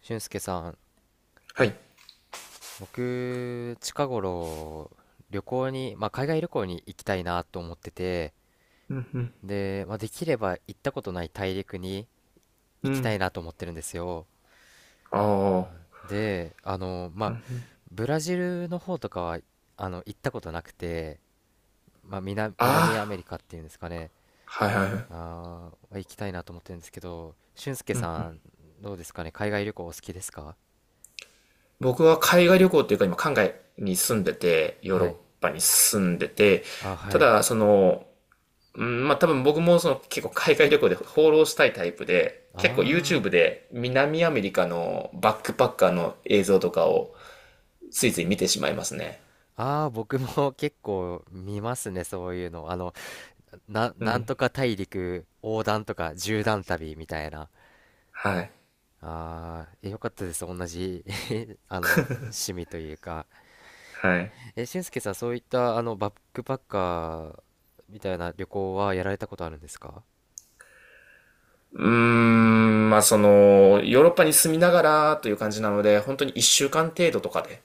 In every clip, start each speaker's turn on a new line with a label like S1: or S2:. S1: 俊介さん、
S2: はい。
S1: 僕、近頃、旅行に、海外旅行に行きたいなと思ってて、
S2: うんうん。
S1: で、まあ、できれば行ったことない大陸に
S2: う
S1: 行きた
S2: ん。
S1: いなと思ってるんですよ。
S2: ああ。
S1: で、あの、ま
S2: う
S1: あ、
S2: んうん。
S1: ブラジルの方とかは、行ったことなくて、まあ、南アメ
S2: あ
S1: リカっていうんですかね、
S2: あ。はいはいはい。
S1: 行きたいなと思ってるんですけど、俊介
S2: うん。
S1: さん、どうですかね、海外旅行お好きですか？
S2: 僕は海外旅行っていうか今海外に住んでて、ヨーロ
S1: は
S2: ッ
S1: い。
S2: パに住んでて、
S1: あ、
S2: た
S1: はい。
S2: だその、うん、まあ多分僕もその結構海外旅行で放浪したいタイプで、結構
S1: あ
S2: YouTube で南アメリカのバックパッカーの映像とかをついつい見てしまいますね。
S1: ああ、僕も 結構見ますね、そういうの。あの、
S2: う
S1: なん
S2: ん。
S1: とか大陸横断とか縦断旅みたいな。
S2: はい。
S1: ああ、えよかったです。同じ あの、趣味というか。
S2: はい。
S1: え、俊介さん、そういった、あの、バックパッカーみたいな旅行はやられたことあるんですか？
S2: うーん、まあその、ヨーロッパに住みながらという感じなので、本当に一週間程度とかで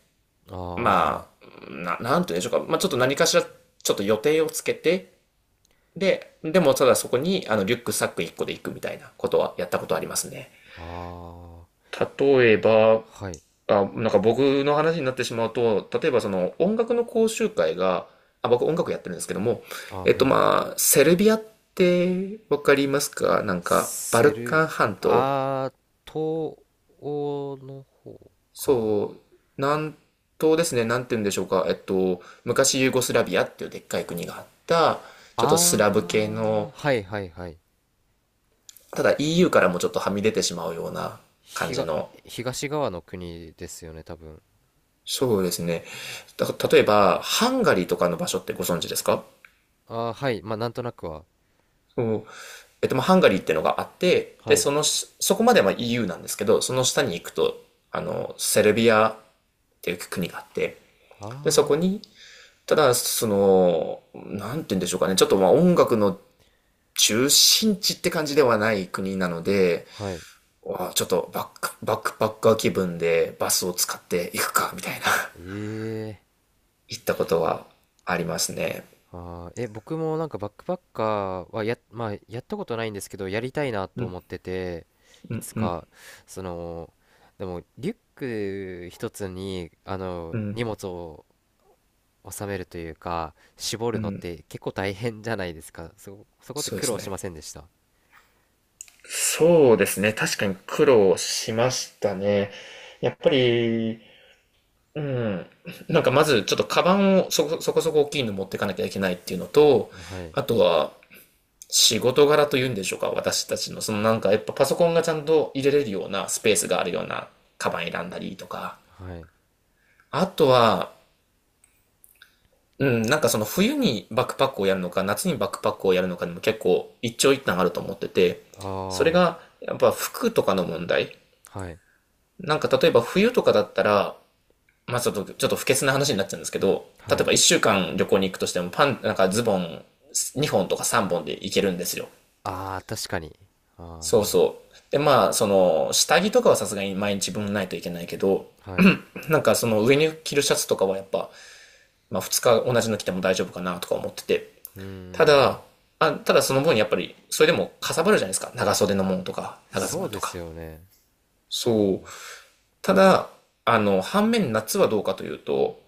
S1: あ
S2: まあ、なんて言うんでしょうか。まあ、ちょっと何かしら、ちょっと予定をつけて、で、でもただそこに、あの、リュックサック1個で行くみたいなことはやったことありますね。
S1: あ、ああ、
S2: 例えば、
S1: はい。
S2: あ、なんか僕の話になってしまうと、例えばその音楽の講習会が、あ、僕音楽やってるんですけども、
S1: あー
S2: えっ
S1: は
S2: と
S1: い。
S2: まあ、セルビアってわかりますか？なんか、バル
S1: セ
S2: カ
S1: ル、
S2: ン半島
S1: ああ、東欧の方かな？
S2: そう、南東ですね、なんて言うんでしょうか、昔ユーゴスラビアっていうでっかい国があった、ちょっとスラブ系
S1: ああ
S2: の、
S1: はいはいはい。
S2: ただ EU からもちょっとはみ出てしまうような感じ
S1: 東、
S2: の、
S1: 東側の国ですよね、多分。
S2: そうですね。例えば、ハンガリーとかの場所ってご存知ですか？
S1: ああ、はい。まあ、なんとなくは。
S2: そう。まあ、ハンガリーってのがあって、で、
S1: はい。
S2: そのし、そこまでは EU なんですけど、その下に行くと、あの、セルビアっていう国があって、で、そ
S1: あ
S2: こに、ただ、その、なんて言うんでしょうかね、ちょっとまあ音楽の中心地って感じではない国なので、
S1: あ、はい。
S2: わあちょっとバックパッカー気分でバスを使っていくか、みたいな、
S1: ええ、
S2: 行ったことはありますね。
S1: あー、え、僕もなんかバックパッカーはまあ、やったことないんですけど、やりたいな
S2: う
S1: と
S2: ん、
S1: 思ってて、
S2: う
S1: い
S2: ん、
S1: つ
S2: うん、
S1: か、その、でも、リュック一つに、あの、
S2: うん、
S1: 荷物を収めるというか、絞
S2: う
S1: るのっ
S2: ん、
S1: て結構大変じゃないですか。そこって
S2: そうで
S1: 苦
S2: す
S1: 労し
S2: ね。
S1: ませんでした？
S2: そうですね。確かに苦労しましたね。やっぱり、うん。なんかまずちょっとカバンをそこそこ大きいの持ってかなきゃいけないっていうのと、
S1: はい。
S2: あとは仕事柄というんでしょうか、私たちの、そのなんかやっぱパソコンがちゃんと入れれるようなスペースがあるようなカバン選んだりとか、
S1: はい。
S2: あとは、うん、なんかその冬にバックパックをやるのか、夏にバックパックをやるのかでも結構一長一短あると思ってて、
S1: あ
S2: それ
S1: あ、
S2: がやっぱ服とかの問題。
S1: はい。
S2: なんか例えば冬とかだったら、まあちょっと不潔な話になっちゃうんですけど、例
S1: は
S2: え
S1: い。
S2: ば一週間旅行に行くとしてもなんかズボン2本とか3本で行けるんですよ。
S1: ああ、確かに。
S2: そう
S1: あ
S2: そう。で、まあ、その、下着とかはさすがに毎日分ないといけないけど、
S1: あ、はい。
S2: なんかその上に着るシャツとかはやっぱ、まあ2日同じの着ても大丈夫かなとか思ってて。
S1: うー
S2: ただ、
S1: ん、
S2: ただその分やっぱり、それでもかさばるじゃないですか。長袖のものとか、長ズ
S1: そ
S2: ボ
S1: う
S2: ンと
S1: で
S2: か。
S1: すよね。う
S2: そう。
S1: ん、
S2: ただ、あの、反面夏はどうかというと、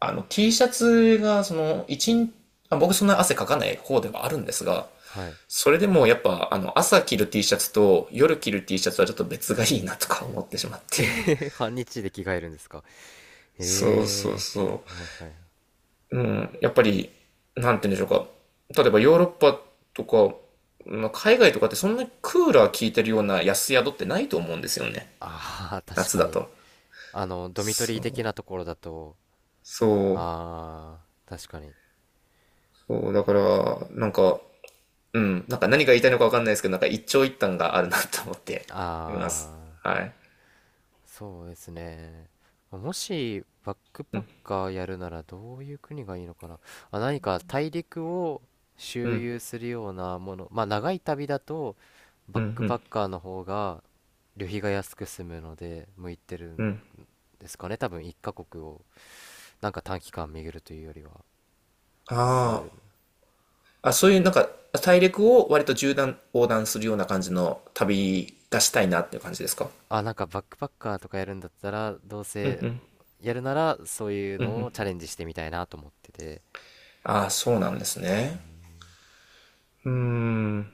S2: あの、T シャツがその、一日、まあ僕そんな汗かかない方ではあるんですが、
S1: はい。
S2: それでもやっぱ、あの、朝着る T シャツと夜着る T シャツはちょっと別がいいなとか思ってしまって。
S1: 半日で着替えるんですか？
S2: そうそう
S1: へ
S2: そ
S1: え、はいはい。
S2: う。うん、やっぱり、なんて言うんでしょうか。例えばヨーロッパとか、まあ、海外とかってそんなにクーラー効いてるような安宿ってないと思うんですよね。
S1: ああ、確
S2: 夏
S1: か
S2: だ
S1: に。
S2: と。
S1: あの、ドミトリ
S2: そ
S1: ー的
S2: う。
S1: なところだと、
S2: そう。
S1: ああ、確かに。
S2: そう。だから、なんか、うん。なんか何が言いたいのかわかんないですけど、なんか一長一短があるなと思っています。
S1: ああ、
S2: はい。
S1: そうですね。もしバックパッカーやるならどういう国がいいのかな。あ、何か大陸を
S2: う
S1: 周
S2: ん、
S1: 遊するようなもの。まあ長い旅だとバ
S2: う
S1: ッ
S2: ん、
S1: ク
S2: う
S1: パ
S2: ん、
S1: ッカーの方が旅費が安く済むので向いてる
S2: う
S1: ん
S2: ん。
S1: ですかね。多分1カ国をなんか短期間巡るというよりは。で
S2: あ
S1: す。
S2: あ、あ、そういうなんか大陸を割と縦断横断するような感じの旅がしたいなっていう感じですか？
S1: あ、なんかバックパッカーとかやるんだったらどうせやるならそういうのをチャレンジしてみたいなと思ってて。
S2: ああ、そうなんです
S1: う
S2: ね。
S1: ん、
S2: うーん。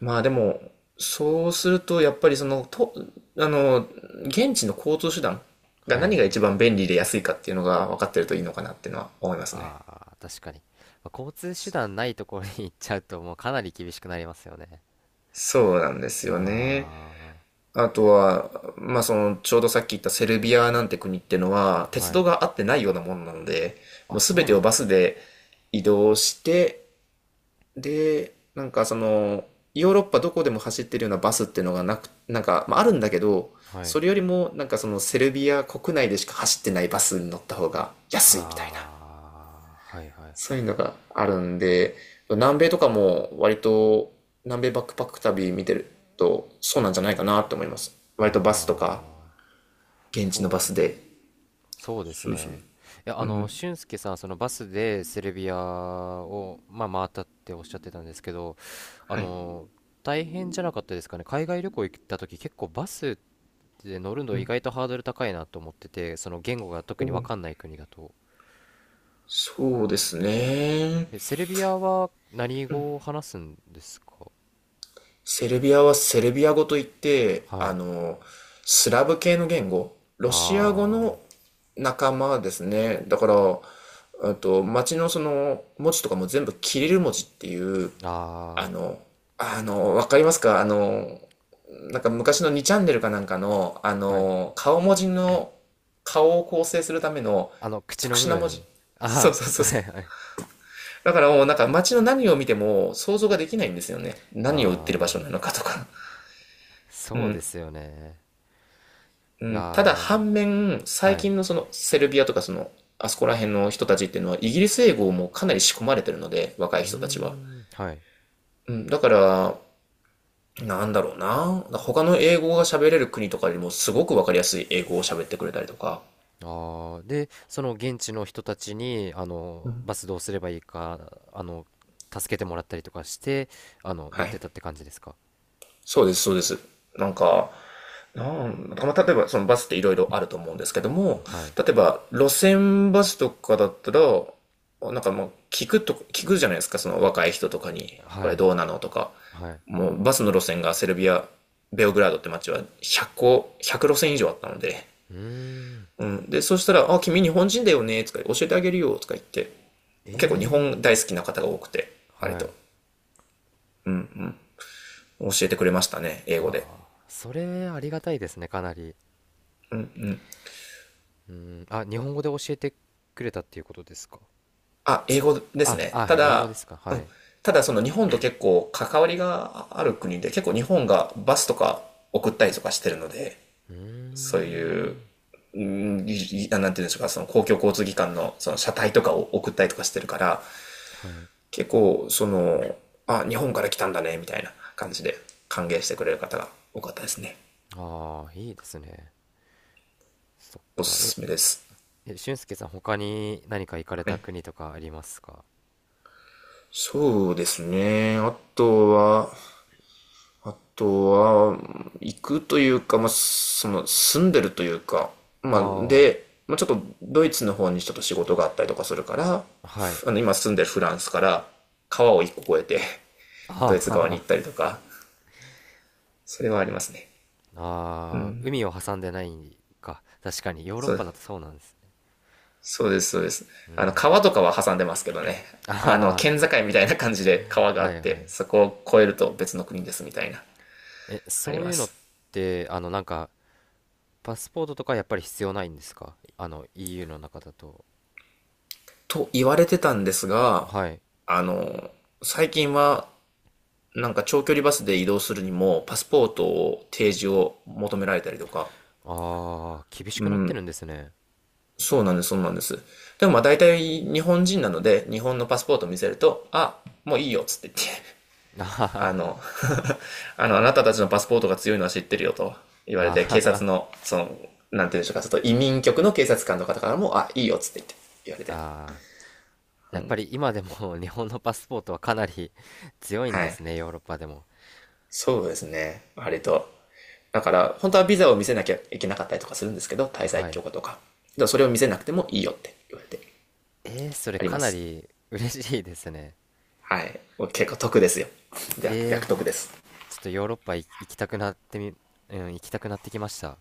S2: まあでも、そうするとやっぱりその、あの、現地の交通手段が
S1: はいはい。
S2: 何が一番便利で安いかっていうのが分かってるといいのかなっていうのは思いますね。
S1: ああ、確かに。まあ交通手段ないところに行っちゃうと、もうかなり厳しくなりますよね。
S2: そうなんですよね。
S1: あ
S2: あとは、まあ、その、ちょうどさっき言ったセルビアなんて国ってのは、
S1: あ、
S2: 鉄
S1: は
S2: 道
S1: い。
S2: があってないようなもんなので、も
S1: あ、
S2: うす
S1: そ
S2: べ
S1: う
S2: て
S1: な
S2: を
S1: んで
S2: バ
S1: す
S2: ス
S1: ね。
S2: で移動して、で、なんかその、ヨーロッパどこでも走ってるようなバスっていうのがなく、なんか、まあ、あるんだけど、
S1: は
S2: そ
S1: い。
S2: れよりも、なんかその、セルビア国内でしか走ってないバスに乗った方が安いみたいな、
S1: ああ、はいはいはい。
S2: そういうのがあるんで、南米とかも割と、南米バックパック旅見てると、そうなんじゃないかなと思います。割とバスと
S1: あ
S2: か、
S1: あ、
S2: 現地のバスで。
S1: そうです
S2: そうそう。
S1: ね。いや、
S2: う
S1: あの、
S2: ん。
S1: 俊介さん、そのバスでセルビアを、まあ、回ったっておっしゃってたんですけど、あ
S2: はい。
S1: の、大変じゃなかったですかね。海外旅行行った時、結構バスっで乗る
S2: う
S1: の意
S2: ん。
S1: 外とハードル高いなと思ってて、その言語が
S2: う
S1: 特に分か
S2: ん、
S1: んない国だと、
S2: そうですね。
S1: えセルビアは何語を話すんですか？
S2: セルビアはセルビア語といって、
S1: は
S2: あ
S1: い、
S2: の、スラブ系の言語、ロシア語
S1: あ
S2: の仲間ですね。だから、あと、街のその文字とかも全部キリル文字っていう、
S1: ー、
S2: あ
S1: あ
S2: の、あの、わかりますか？あの、なんか昔の2チャンネルかなんかの、あ
S1: ー、はい、
S2: の、顔文字の、顔を構成するための
S1: あの口
S2: 特
S1: の部
S2: 殊な文字。
S1: 分、
S2: そ
S1: あ
S2: う
S1: ー、
S2: そうそ
S1: は
S2: う。
S1: いはい、
S2: だからもうなんか街の何を見ても想像ができないんですよね。何を売ってる場所
S1: あ
S2: な
S1: ー、
S2: のかとか。う
S1: そうで
S2: ん。
S1: すよね、
S2: うん。ただ
S1: あ
S2: 反面、
S1: ー、
S2: 最
S1: はい、
S2: 近のそのセルビアとかその、あそこら辺の人たちっていうのはイギリス英語もかなり仕込まれてるので、若い
S1: うー
S2: 人たちは。
S1: ん、はい、
S2: うん。だから、なんだろうな。他の英語が喋れる国とかよりもすごくわかりやすい英語を喋ってくれたりとか。
S1: あー、でその現地の人たちにあのバスどうすればいいか、あの、助けてもらったりとかして、あの、乗っ
S2: は
S1: て
S2: い。
S1: たって感じですか？
S2: そうです、そうです。なんか、まあ、例えばそのバスっていろいろあると思うんですけども、
S1: はい。
S2: 例えば路線バスとかだったら、なんかもう聞くと、聞くじゃないですか、その若い人とかに、こ
S1: は
S2: れ
S1: い、
S2: どうなのとか、
S1: はい。
S2: もうバスの路線がセルビア、ベオグラードって街は100個、100路線以上あったので、
S1: うーん。
S2: うん。で、そしたら、あ、君日本人だよね、とか教えてあげるよ、とか言って、
S1: え
S2: 結構日
S1: え。
S2: 本大好きな方が多くて、割
S1: はい。
S2: と教えてくれましたね、英語
S1: わ
S2: で。
S1: あ、それありがたいですね、かなり。うーん。あ、日本語で教えてくれたっていうことですか？
S2: あ、英語です
S1: あ、
S2: ね。
S1: あ、
S2: た
S1: 英語で
S2: だ、
S1: すか。はい。
S2: ただその日本と結構関わりがある国で、結構日本がバスとか送ったりとかしてるので、
S1: うー
S2: そういう、
S1: ん。
S2: うんいなんていうんでしょうか、その公共交通機関のその車体とかを送ったりとかしてるから、
S1: はい。
S2: 結構その、あ、日本から来たんだね、みたいな感じで歓迎してくれる方が多かったですね。
S1: ああ、いいですね。そっ
S2: お
S1: か。
S2: すすめです。
S1: え、俊介さん、他に何か行かれ
S2: は
S1: た
S2: い。
S1: 国とかありますか？
S2: そうですね。あとは、行くというか、まあ、その、住んでるというか、
S1: あ
S2: まあ、
S1: あ、
S2: で、まあ、ちょっとドイツの方にちょっと仕事があったりとかするから、
S1: はい。
S2: あの、今住んでるフランスから川を一個越えて、
S1: あ
S2: ド
S1: あ、
S2: イ ツ
S1: は
S2: 側に行っ
S1: は、
S2: たりとか、それはありますね。う
S1: ああ、
S2: ん。
S1: 海を挟んでないか。確かに、ヨーロッ
S2: そ
S1: パ
S2: う、
S1: だとそうなんですね。
S2: そうです、そうです。
S1: うー
S2: あの、
S1: ん。
S2: 川とかは挟んでますけどね。あの、
S1: あ
S2: 県境みたいな感じで川が
S1: あ、
S2: あ
S1: は
S2: っ
S1: いは
S2: て、
S1: い。
S2: そこを越えると別の国ですみたいな、
S1: え、
S2: あり
S1: そうい
S2: ま
S1: うのっ
S2: す。
S1: て、あの、なんか、パスポートとかやっぱり必要ないんですか、あの、EU の中だと。
S2: と言われてたんですが、
S1: はい。
S2: あの、最近はなんか長距離バスで移動するにも、パスポートを提示を求められたりとか。
S1: ああ、厳し
S2: う
S1: くなって
S2: ん。
S1: るんですね。
S2: そうなんです、そうなんです。でもまあ大体日本人なので、日本のパスポートを見せると、あ、もういいよ、つって言って、
S1: あは
S2: あ
S1: は、
S2: の、あの、あなたたちのパスポートが強いのは知ってるよと言われ
S1: あは
S2: て、警察
S1: は、
S2: の、その、なんて言うんでしょうか、ちょっと移民局の警察官の方からも、あ、いいよ、つって言って、言われて。
S1: あー、やっぱり今でも 日本のパスポートはかなり 強いんで
S2: はい。
S1: すね、ヨーロッパでも。
S2: そうですね。割と。だから、本当はビザを見せなきゃいけなかったりとかするんですけど、滞在
S1: はい。
S2: 許可とか。でもそれを見せなくてもいいよって言われて
S1: えー、それ
S2: あり
S1: か
S2: ま
S1: な
S2: す。
S1: り嬉しいですね。
S2: はい。
S1: あ、
S2: 結構得ですよ。じゃあ、
S1: えー、
S2: 逆得です。
S1: ちょっとヨーロッパ行きたくなってみ、うん、行きたくなってきました。